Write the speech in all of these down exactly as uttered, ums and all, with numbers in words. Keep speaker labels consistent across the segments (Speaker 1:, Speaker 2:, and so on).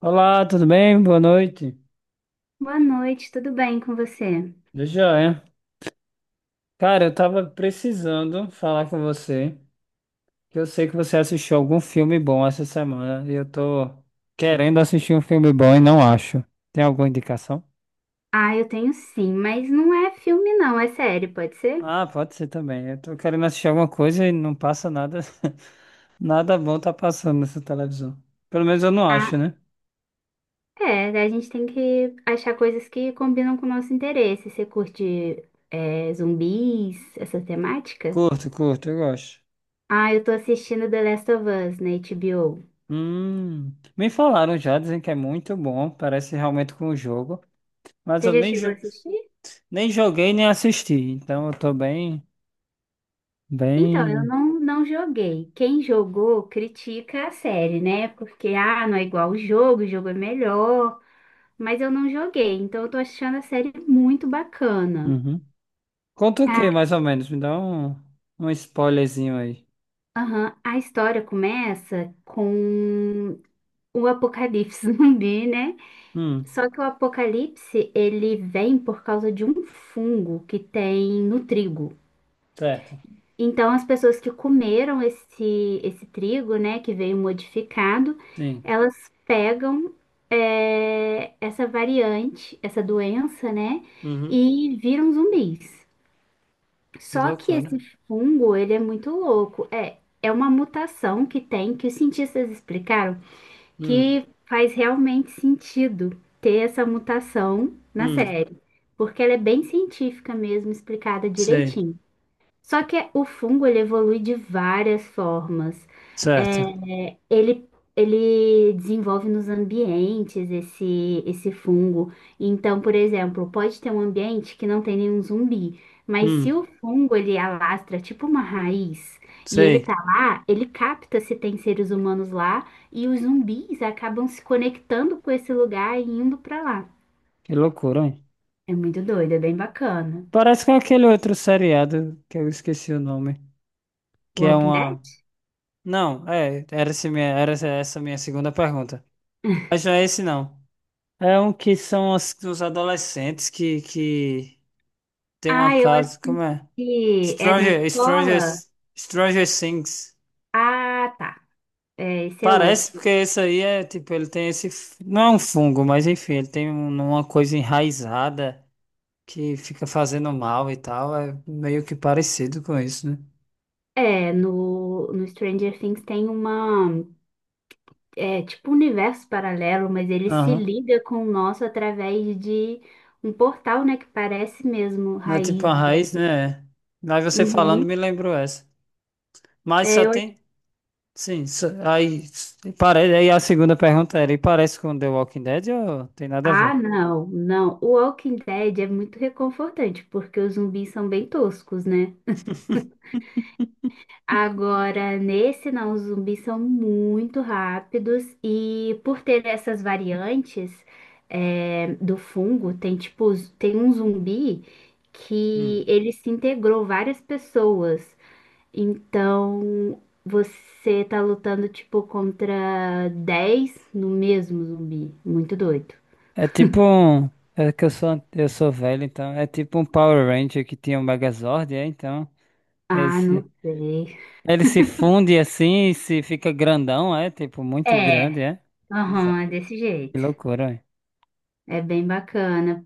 Speaker 1: Olá, tudo bem? Boa noite.
Speaker 2: Boa noite, tudo bem com você?
Speaker 1: Eu Já é. Cara, eu tava precisando falar com você, que eu sei que você assistiu algum filme bom essa semana e eu tô querendo assistir um filme bom e não acho. Tem alguma indicação?
Speaker 2: Ah, eu tenho sim, mas não é filme não, é série, pode ser?
Speaker 1: Ah, pode ser também. Eu tô querendo assistir alguma coisa e não passa nada, nada bom tá passando nessa televisão. Pelo menos eu não
Speaker 2: Ah,
Speaker 1: acho, né?
Speaker 2: é, a gente tem que achar coisas que combinam com o nosso interesse. Você curte é, zumbis, essa temática?
Speaker 1: Curto, curto, eu gosto.
Speaker 2: Ah, eu tô assistindo The Last of Us na H B O.
Speaker 1: Hum, me falaram já, dizem que é muito bom, parece realmente com o jogo, mas
Speaker 2: Você
Speaker 1: eu
Speaker 2: já
Speaker 1: nem,
Speaker 2: chegou a
Speaker 1: jo-
Speaker 2: assistir?
Speaker 1: nem joguei, nem assisti, então eu tô bem,
Speaker 2: Então, eu
Speaker 1: bem.
Speaker 2: não, não joguei. Quem jogou critica a série, né? Porque, ah, não é igual o jogo, o jogo é melhor. Mas eu não joguei, então eu tô achando a série muito bacana.
Speaker 1: Uhum. Conta o
Speaker 2: A,
Speaker 1: que, mais ou menos? Me dá um, um spoilerzinho aí.
Speaker 2: aham, a história começa com o apocalipse zumbi, né?
Speaker 1: Hum,
Speaker 2: Só que o apocalipse, ele vem por causa de um fungo que tem no trigo.
Speaker 1: certo.
Speaker 2: Então, as pessoas que comeram esse, esse trigo, né, que veio modificado,
Speaker 1: Sim.
Speaker 2: elas pegam é, essa variante, essa doença, né,
Speaker 1: Uhum.
Speaker 2: e viram zumbis.
Speaker 1: Que
Speaker 2: Só que
Speaker 1: loucura.
Speaker 2: esse fungo, ele é muito louco. É, é uma mutação que tem, que os cientistas explicaram,
Speaker 1: Hum,
Speaker 2: que faz realmente sentido ter essa mutação na
Speaker 1: hum,
Speaker 2: série, porque ela é bem científica mesmo, explicada
Speaker 1: Sei.
Speaker 2: direitinho. Só que o fungo, ele evolui de várias formas. É,
Speaker 1: Certo.
Speaker 2: ele, ele desenvolve nos ambientes esse, esse fungo. Então, por exemplo, pode ter um ambiente que não tem nenhum zumbi, mas se
Speaker 1: Hum,
Speaker 2: o fungo ele alastra tipo uma raiz e ele
Speaker 1: Sei.
Speaker 2: tá lá, ele capta se tem seres humanos lá e os zumbis acabam se conectando com esse lugar e indo pra lá.
Speaker 1: Que loucura, hein?
Speaker 2: É muito doido, é bem bacana.
Speaker 1: Parece com aquele outro seriado que eu esqueci o nome, que é
Speaker 2: Walking Dead?
Speaker 1: uma. Não, é, era, esse minha, era essa essa minha segunda pergunta. Mas não é esse não. É um que são os, os adolescentes que, que tem uma
Speaker 2: Ah, eu
Speaker 1: casa, como é?
Speaker 2: assisti. É na
Speaker 1: Stranger, Stranger,
Speaker 2: escola?
Speaker 1: Stranger Things.
Speaker 2: Ah, tá. É, esse é
Speaker 1: Parece
Speaker 2: outro.
Speaker 1: porque esse aí é, tipo, ele tem esse, f- não é um fungo, mas enfim, ele tem um- uma coisa enraizada que fica fazendo mal e tal, é meio que parecido com isso, né?
Speaker 2: É, no, no Stranger Things tem uma, é, tipo um universo paralelo, mas ele se
Speaker 1: Aham.
Speaker 2: liga com o nosso através de um portal, né, que parece mesmo
Speaker 1: Não é tipo uma
Speaker 2: raízes ali.
Speaker 1: raiz, né? Mas você falando me
Speaker 2: Uhum.
Speaker 1: lembrou essa. Mas
Speaker 2: É,
Speaker 1: só
Speaker 2: eu acho-
Speaker 1: tem, sim, só- aí, Parece, aí a segunda pergunta era, e parece com The Walking Dead ou tem nada a
Speaker 2: Ah,
Speaker 1: ver?
Speaker 2: não, não. O Walking Dead é muito reconfortante, porque os zumbis são bem toscos, né? Agora, nesse não, os zumbis são muito rápidos e por ter essas variantes é, do fungo, tem tipo, z- tem um zumbi que
Speaker 1: Hum.
Speaker 2: ele se integrou várias pessoas. Então, você tá lutando tipo contra dez no mesmo zumbi. Muito doido.
Speaker 1: É tipo um. É que eu sou, eu sou velho, então. É tipo um Power Ranger que tinha um Megazord, é? Então.
Speaker 2: Ah,
Speaker 1: Esse,
Speaker 2: não sei.
Speaker 1: ele se funde assim e se fica grandão, é? Tipo, muito
Speaker 2: É,
Speaker 1: grande, é? Bizarro.
Speaker 2: aham, é desse
Speaker 1: Que
Speaker 2: jeito.
Speaker 1: loucura, é?
Speaker 2: É bem bacana.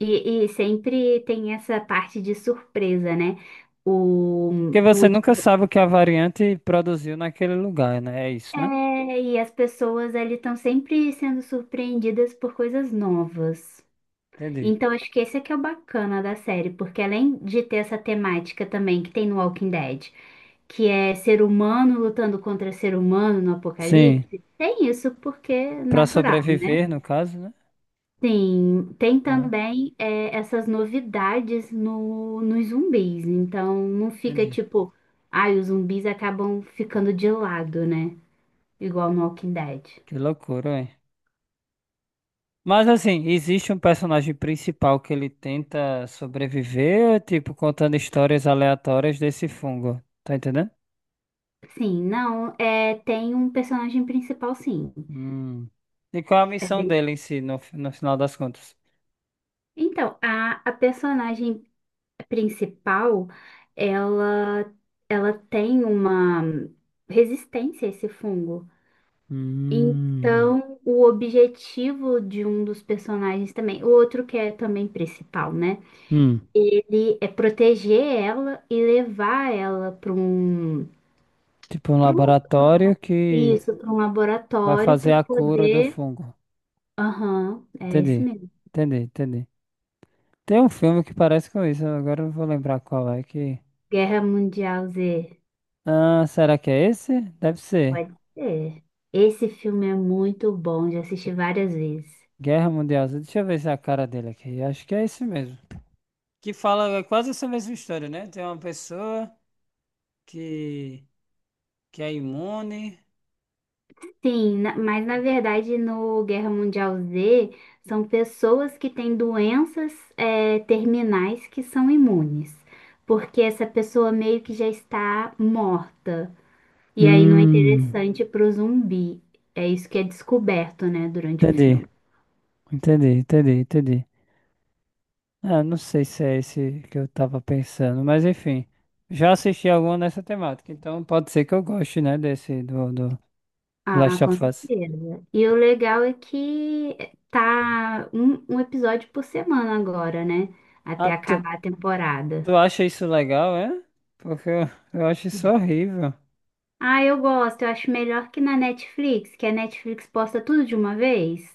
Speaker 2: E, e sempre tem essa parte de surpresa, né? O,
Speaker 1: Porque
Speaker 2: o
Speaker 1: você nunca
Speaker 2: último.
Speaker 1: sabe o que a variante produziu naquele lugar, né? É isso, né?
Speaker 2: É, e as pessoas ali estão sempre sendo surpreendidas por coisas novas.
Speaker 1: Entendi.
Speaker 2: Então, acho que esse é que é o bacana da série, porque além de ter essa temática também que tem no Walking Dead, que é ser humano lutando contra ser humano no
Speaker 1: Sim.
Speaker 2: apocalipse, tem isso porque é
Speaker 1: Pra
Speaker 2: natural.
Speaker 1: sobreviver, no caso, né?
Speaker 2: Tem, tem
Speaker 1: Ah,
Speaker 2: também é, essas novidades no, nos zumbis, então não fica
Speaker 1: entendi.
Speaker 2: tipo, ai, os zumbis acabam ficando de lado, né? Igual no Walking Dead.
Speaker 1: Que loucura, é. Mas assim, existe um personagem principal que ele tenta sobreviver, tipo, contando histórias aleatórias desse fungo. Tá entendendo?
Speaker 2: Sim, não, é, tem um personagem principal, sim.
Speaker 1: Hum. E qual é a
Speaker 2: É
Speaker 1: missão
Speaker 2: bem-
Speaker 1: dele em si, no, fi- no final das contas?
Speaker 2: Então, a, a personagem principal, ela, ela tem uma resistência a esse fungo.
Speaker 1: Hum.
Speaker 2: Então, o objetivo de um dos personagens também, o outro que é também principal, né?
Speaker 1: Hum.
Speaker 2: Ele é proteger ela e levar ela para um,
Speaker 1: Tipo um
Speaker 2: para um,
Speaker 1: laboratório que
Speaker 2: isso, para um
Speaker 1: vai
Speaker 2: laboratório
Speaker 1: fazer
Speaker 2: para
Speaker 1: a cura do
Speaker 2: poder.
Speaker 1: fungo.
Speaker 2: Aham, é esse
Speaker 1: Entendi.
Speaker 2: mesmo.
Speaker 1: Entendi, entendi. Tem um filme que parece com isso, agora eu não vou lembrar qual é que.
Speaker 2: Guerra Mundial Z.
Speaker 1: Ah, será que é esse? Deve ser.
Speaker 2: Pode ser. Esse filme é muito bom, já assisti várias vezes.
Speaker 1: Guerra Mundial Z. Deixa eu ver se é a cara dele aqui. Acho que é esse mesmo. Que fala quase essa mesma história, né? Tem uma pessoa que, que é imune.
Speaker 2: Sim, na- mas na verdade no Guerra Mundial Z são pessoas que têm doenças eh, terminais que são imunes, porque essa pessoa meio que já está morta. E aí não é
Speaker 1: Hum,
Speaker 2: interessante para o zumbi. É isso que é descoberto, né, durante o
Speaker 1: entendi,
Speaker 2: filme.
Speaker 1: entendi, entendi, entendi. Ah, não sei se é esse que eu tava pensando, mas enfim, já assisti alguma nessa temática, então pode ser que eu goste, né, desse do, do
Speaker 2: Ah,
Speaker 1: Last
Speaker 2: com
Speaker 1: of Us.
Speaker 2: certeza. E o legal é que tá um, um episódio por semana agora, né?
Speaker 1: Ah,
Speaker 2: Até
Speaker 1: tu,
Speaker 2: acabar a temporada.
Speaker 1: tu acha isso legal, é? Porque eu, eu acho isso horrível.
Speaker 2: Ah, eu gosto. Eu acho melhor que na Netflix, que a Netflix posta tudo de uma vez.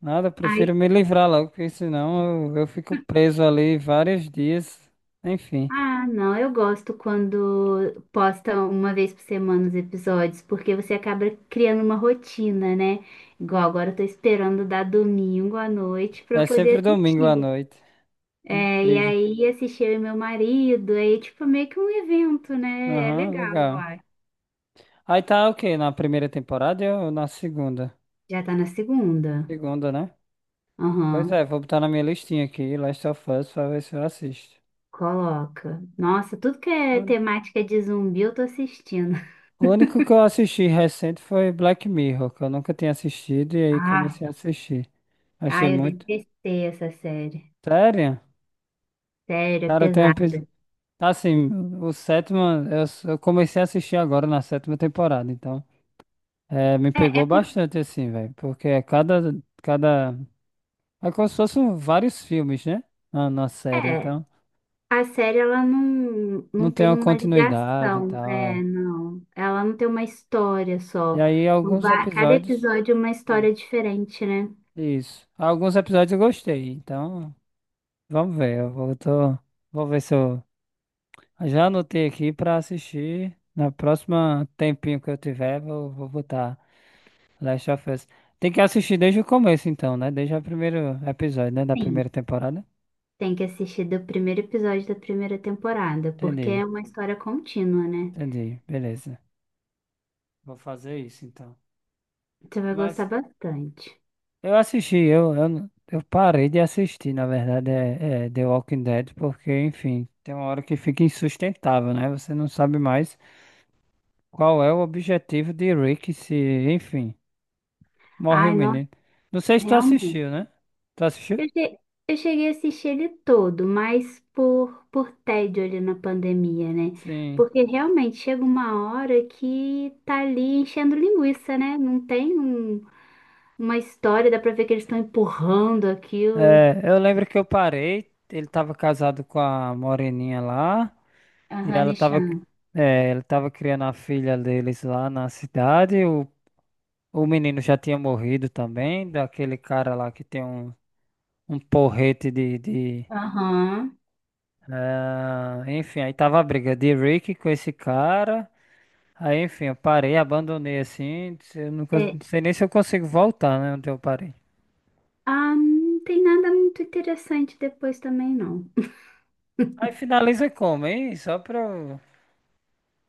Speaker 1: Nada, eu prefiro
Speaker 2: Aí,
Speaker 1: me livrar logo, porque senão eu, eu fico preso ali vários dias. Enfim.
Speaker 2: ah, não, eu gosto quando posta uma vez por semana os episódios, porque você acaba criando uma rotina, né? Igual agora eu tô esperando dar domingo à noite pra eu
Speaker 1: É sempre
Speaker 2: poder
Speaker 1: domingo à
Speaker 2: assistir.
Speaker 1: noite. É
Speaker 2: É, e
Speaker 1: incrível.
Speaker 2: aí assisti eu e meu marido, aí é tipo meio que um evento, né? É
Speaker 1: Aham,
Speaker 2: legal, eu
Speaker 1: legal.
Speaker 2: acho.
Speaker 1: Aí tá o quê? Na primeira temporada ou na segunda?
Speaker 2: Já tá na segunda.
Speaker 1: Segunda, né? Pois
Speaker 2: Aham.
Speaker 1: é, vou botar na minha listinha aqui, Last of Us, pra ver se eu assisto.
Speaker 2: Coloca. Nossa, tudo que é
Speaker 1: Olha.
Speaker 2: temática de zumbi eu tô assistindo.
Speaker 1: O único que eu assisti recente foi Black Mirror, que eu nunca tinha assistido, e aí
Speaker 2: Ai,
Speaker 1: comecei a assistir. Achei
Speaker 2: ai, eu
Speaker 1: muito.
Speaker 2: detestei essa série.
Speaker 1: Sério?
Speaker 2: Sério, é
Speaker 1: Cara, tem um episódio.
Speaker 2: pesada.
Speaker 1: Tá assim, o sétimo. Eu, s- eu comecei a assistir agora na sétima temporada, então. É, me
Speaker 2: É, é
Speaker 1: pegou
Speaker 2: porque
Speaker 1: bastante, assim, velho. Porque a cada, cada É como se fossem vários filmes, né? Na, na série,
Speaker 2: é,
Speaker 1: então
Speaker 2: a série ela não,
Speaker 1: não
Speaker 2: não
Speaker 1: tem
Speaker 2: tem
Speaker 1: uma
Speaker 2: uma
Speaker 1: continuidade e
Speaker 2: ligação,
Speaker 1: tal,
Speaker 2: é,
Speaker 1: é.
Speaker 2: não. Ela não tem uma história
Speaker 1: E
Speaker 2: só.
Speaker 1: aí alguns
Speaker 2: Va- Cada
Speaker 1: episódios.
Speaker 2: episódio é uma
Speaker 1: Hum.
Speaker 2: história diferente, né?
Speaker 1: Isso. Alguns episódios eu gostei, então vamos ver. Eu vou, tô- vou ver se eu. Já anotei aqui pra assistir. Na próxima tempinho que eu tiver, vou, vou botar Last of Us. Tem que assistir desde o começo, então, né? Desde o primeiro episódio, né? Da primeira
Speaker 2: Sim.
Speaker 1: temporada.
Speaker 2: Tem que assistir do primeiro episódio da primeira temporada, porque é
Speaker 1: Entendi,
Speaker 2: uma história contínua, né?
Speaker 1: entendi. Beleza. Vou fazer isso, então.
Speaker 2: Você vai
Speaker 1: Mas.
Speaker 2: gostar bastante.
Speaker 1: Eu assisti, eu, eu, não- Eu parei de assistir, na verdade, é, é The Walking Dead, porque, enfim, tem uma hora que fica insustentável, né? Você não sabe mais qual é o objetivo de Rick se, enfim, morre o
Speaker 2: Ai, nossa,
Speaker 1: menino. Não sei se tu
Speaker 2: realmente.
Speaker 1: assistiu, né? Tu assistiu?
Speaker 2: Eu che- eu cheguei a assistir ele todo, mas por, por tédio ali na pandemia, né?
Speaker 1: Sim.
Speaker 2: Porque realmente chega uma hora que tá ali enchendo linguiça, né? Não tem um- uma história, dá pra ver que eles estão empurrando aquilo.
Speaker 1: É, eu lembro que eu parei, ele tava casado com a moreninha lá, e
Speaker 2: Aham,
Speaker 1: ela tava,
Speaker 2: Nishan.
Speaker 1: é, ele tava criando a filha deles lá na cidade, o, o menino já tinha morrido também, daquele cara lá que tem um, um porrete de, de
Speaker 2: Aham.
Speaker 1: ah, enfim, aí tava a briga de Rick com esse cara, aí enfim, eu parei, abandonei assim, eu não, cons- não
Speaker 2: É.
Speaker 1: sei nem se eu consigo voltar, né, onde eu parei.
Speaker 2: Ah, não tem nada muito interessante depois também, não.
Speaker 1: Aí finaliza como, hein? Só pra eu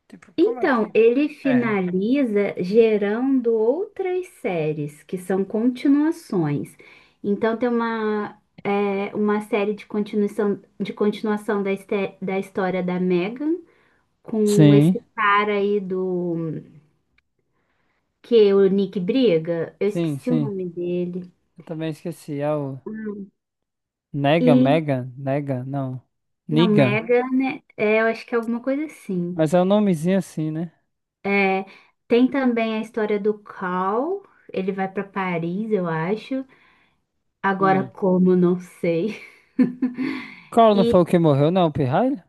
Speaker 1: tipo, como é
Speaker 2: Então,
Speaker 1: que
Speaker 2: ele
Speaker 1: ferra?
Speaker 2: finaliza gerando outras séries, que são continuações. Então, tem uma, é, uma série de continuação, de continuação da, este- da história da Megan, com
Speaker 1: Sim,
Speaker 2: esse cara aí do... que é o Nick briga. Eu
Speaker 1: sim,
Speaker 2: esqueci o
Speaker 1: sim.
Speaker 2: nome dele.
Speaker 1: Eu também esqueci. É o
Speaker 2: Hum.
Speaker 1: Nega,
Speaker 2: E,
Speaker 1: Mega, Nega, não.
Speaker 2: não,
Speaker 1: Niga.
Speaker 2: Megan, né? É, eu acho que é alguma coisa assim.
Speaker 1: Mas é um nomezinho assim, né?
Speaker 2: É, tem também a história do Cal, ele vai para Paris, eu acho. Agora,
Speaker 1: Hum.
Speaker 2: como não sei.
Speaker 1: Collor não foi
Speaker 2: E
Speaker 1: o que morreu, não, o Pirralho?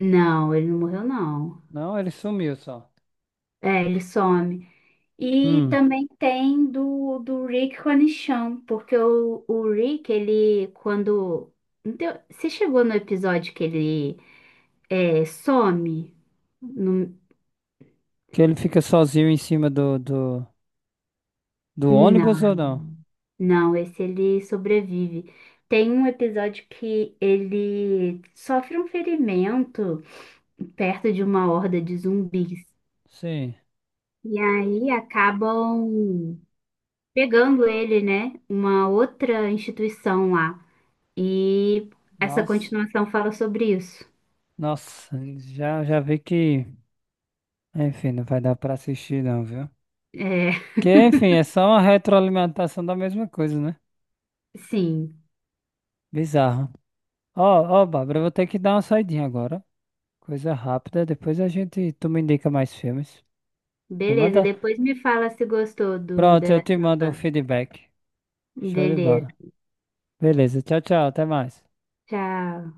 Speaker 2: não, ele não morreu, não.
Speaker 1: Não, ele sumiu só.
Speaker 2: É, ele some. E
Speaker 1: Hum.
Speaker 2: também tem do, do Rick com a Nichelle, porque o, o Rick, ele, quando. não tem- Você chegou no episódio que ele é, some? No-
Speaker 1: Que ele fica sozinho em cima do, do, do ônibus ou
Speaker 2: Não,
Speaker 1: não?
Speaker 2: não, esse ele sobrevive. Tem um episódio que ele sofre um ferimento perto de uma horda de zumbis.
Speaker 1: Sim.
Speaker 2: E aí acabam pegando ele, né, uma outra instituição lá. E essa
Speaker 1: Nossa.
Speaker 2: continuação fala sobre isso.
Speaker 1: Nossa, já, já vi que. Enfim, não vai dar pra assistir, não, viu?
Speaker 2: É,
Speaker 1: Que, enfim, é só uma retroalimentação da mesma coisa, né?
Speaker 2: sim.
Speaker 1: Bizarro. Ó, Ó, Bárbara, eu vou ter que dar uma saidinha agora. Coisa rápida, depois a gente, tu me indica mais filmes. Me
Speaker 2: Beleza,
Speaker 1: manda.
Speaker 2: depois me fala se gostou do
Speaker 1: Pronto,
Speaker 2: The
Speaker 1: eu te
Speaker 2: Last
Speaker 1: mando um
Speaker 2: of
Speaker 1: feedback.
Speaker 2: Us.
Speaker 1: Show de
Speaker 2: Beleza.
Speaker 1: bola. Beleza, tchau, tchau, até mais.
Speaker 2: Tchau.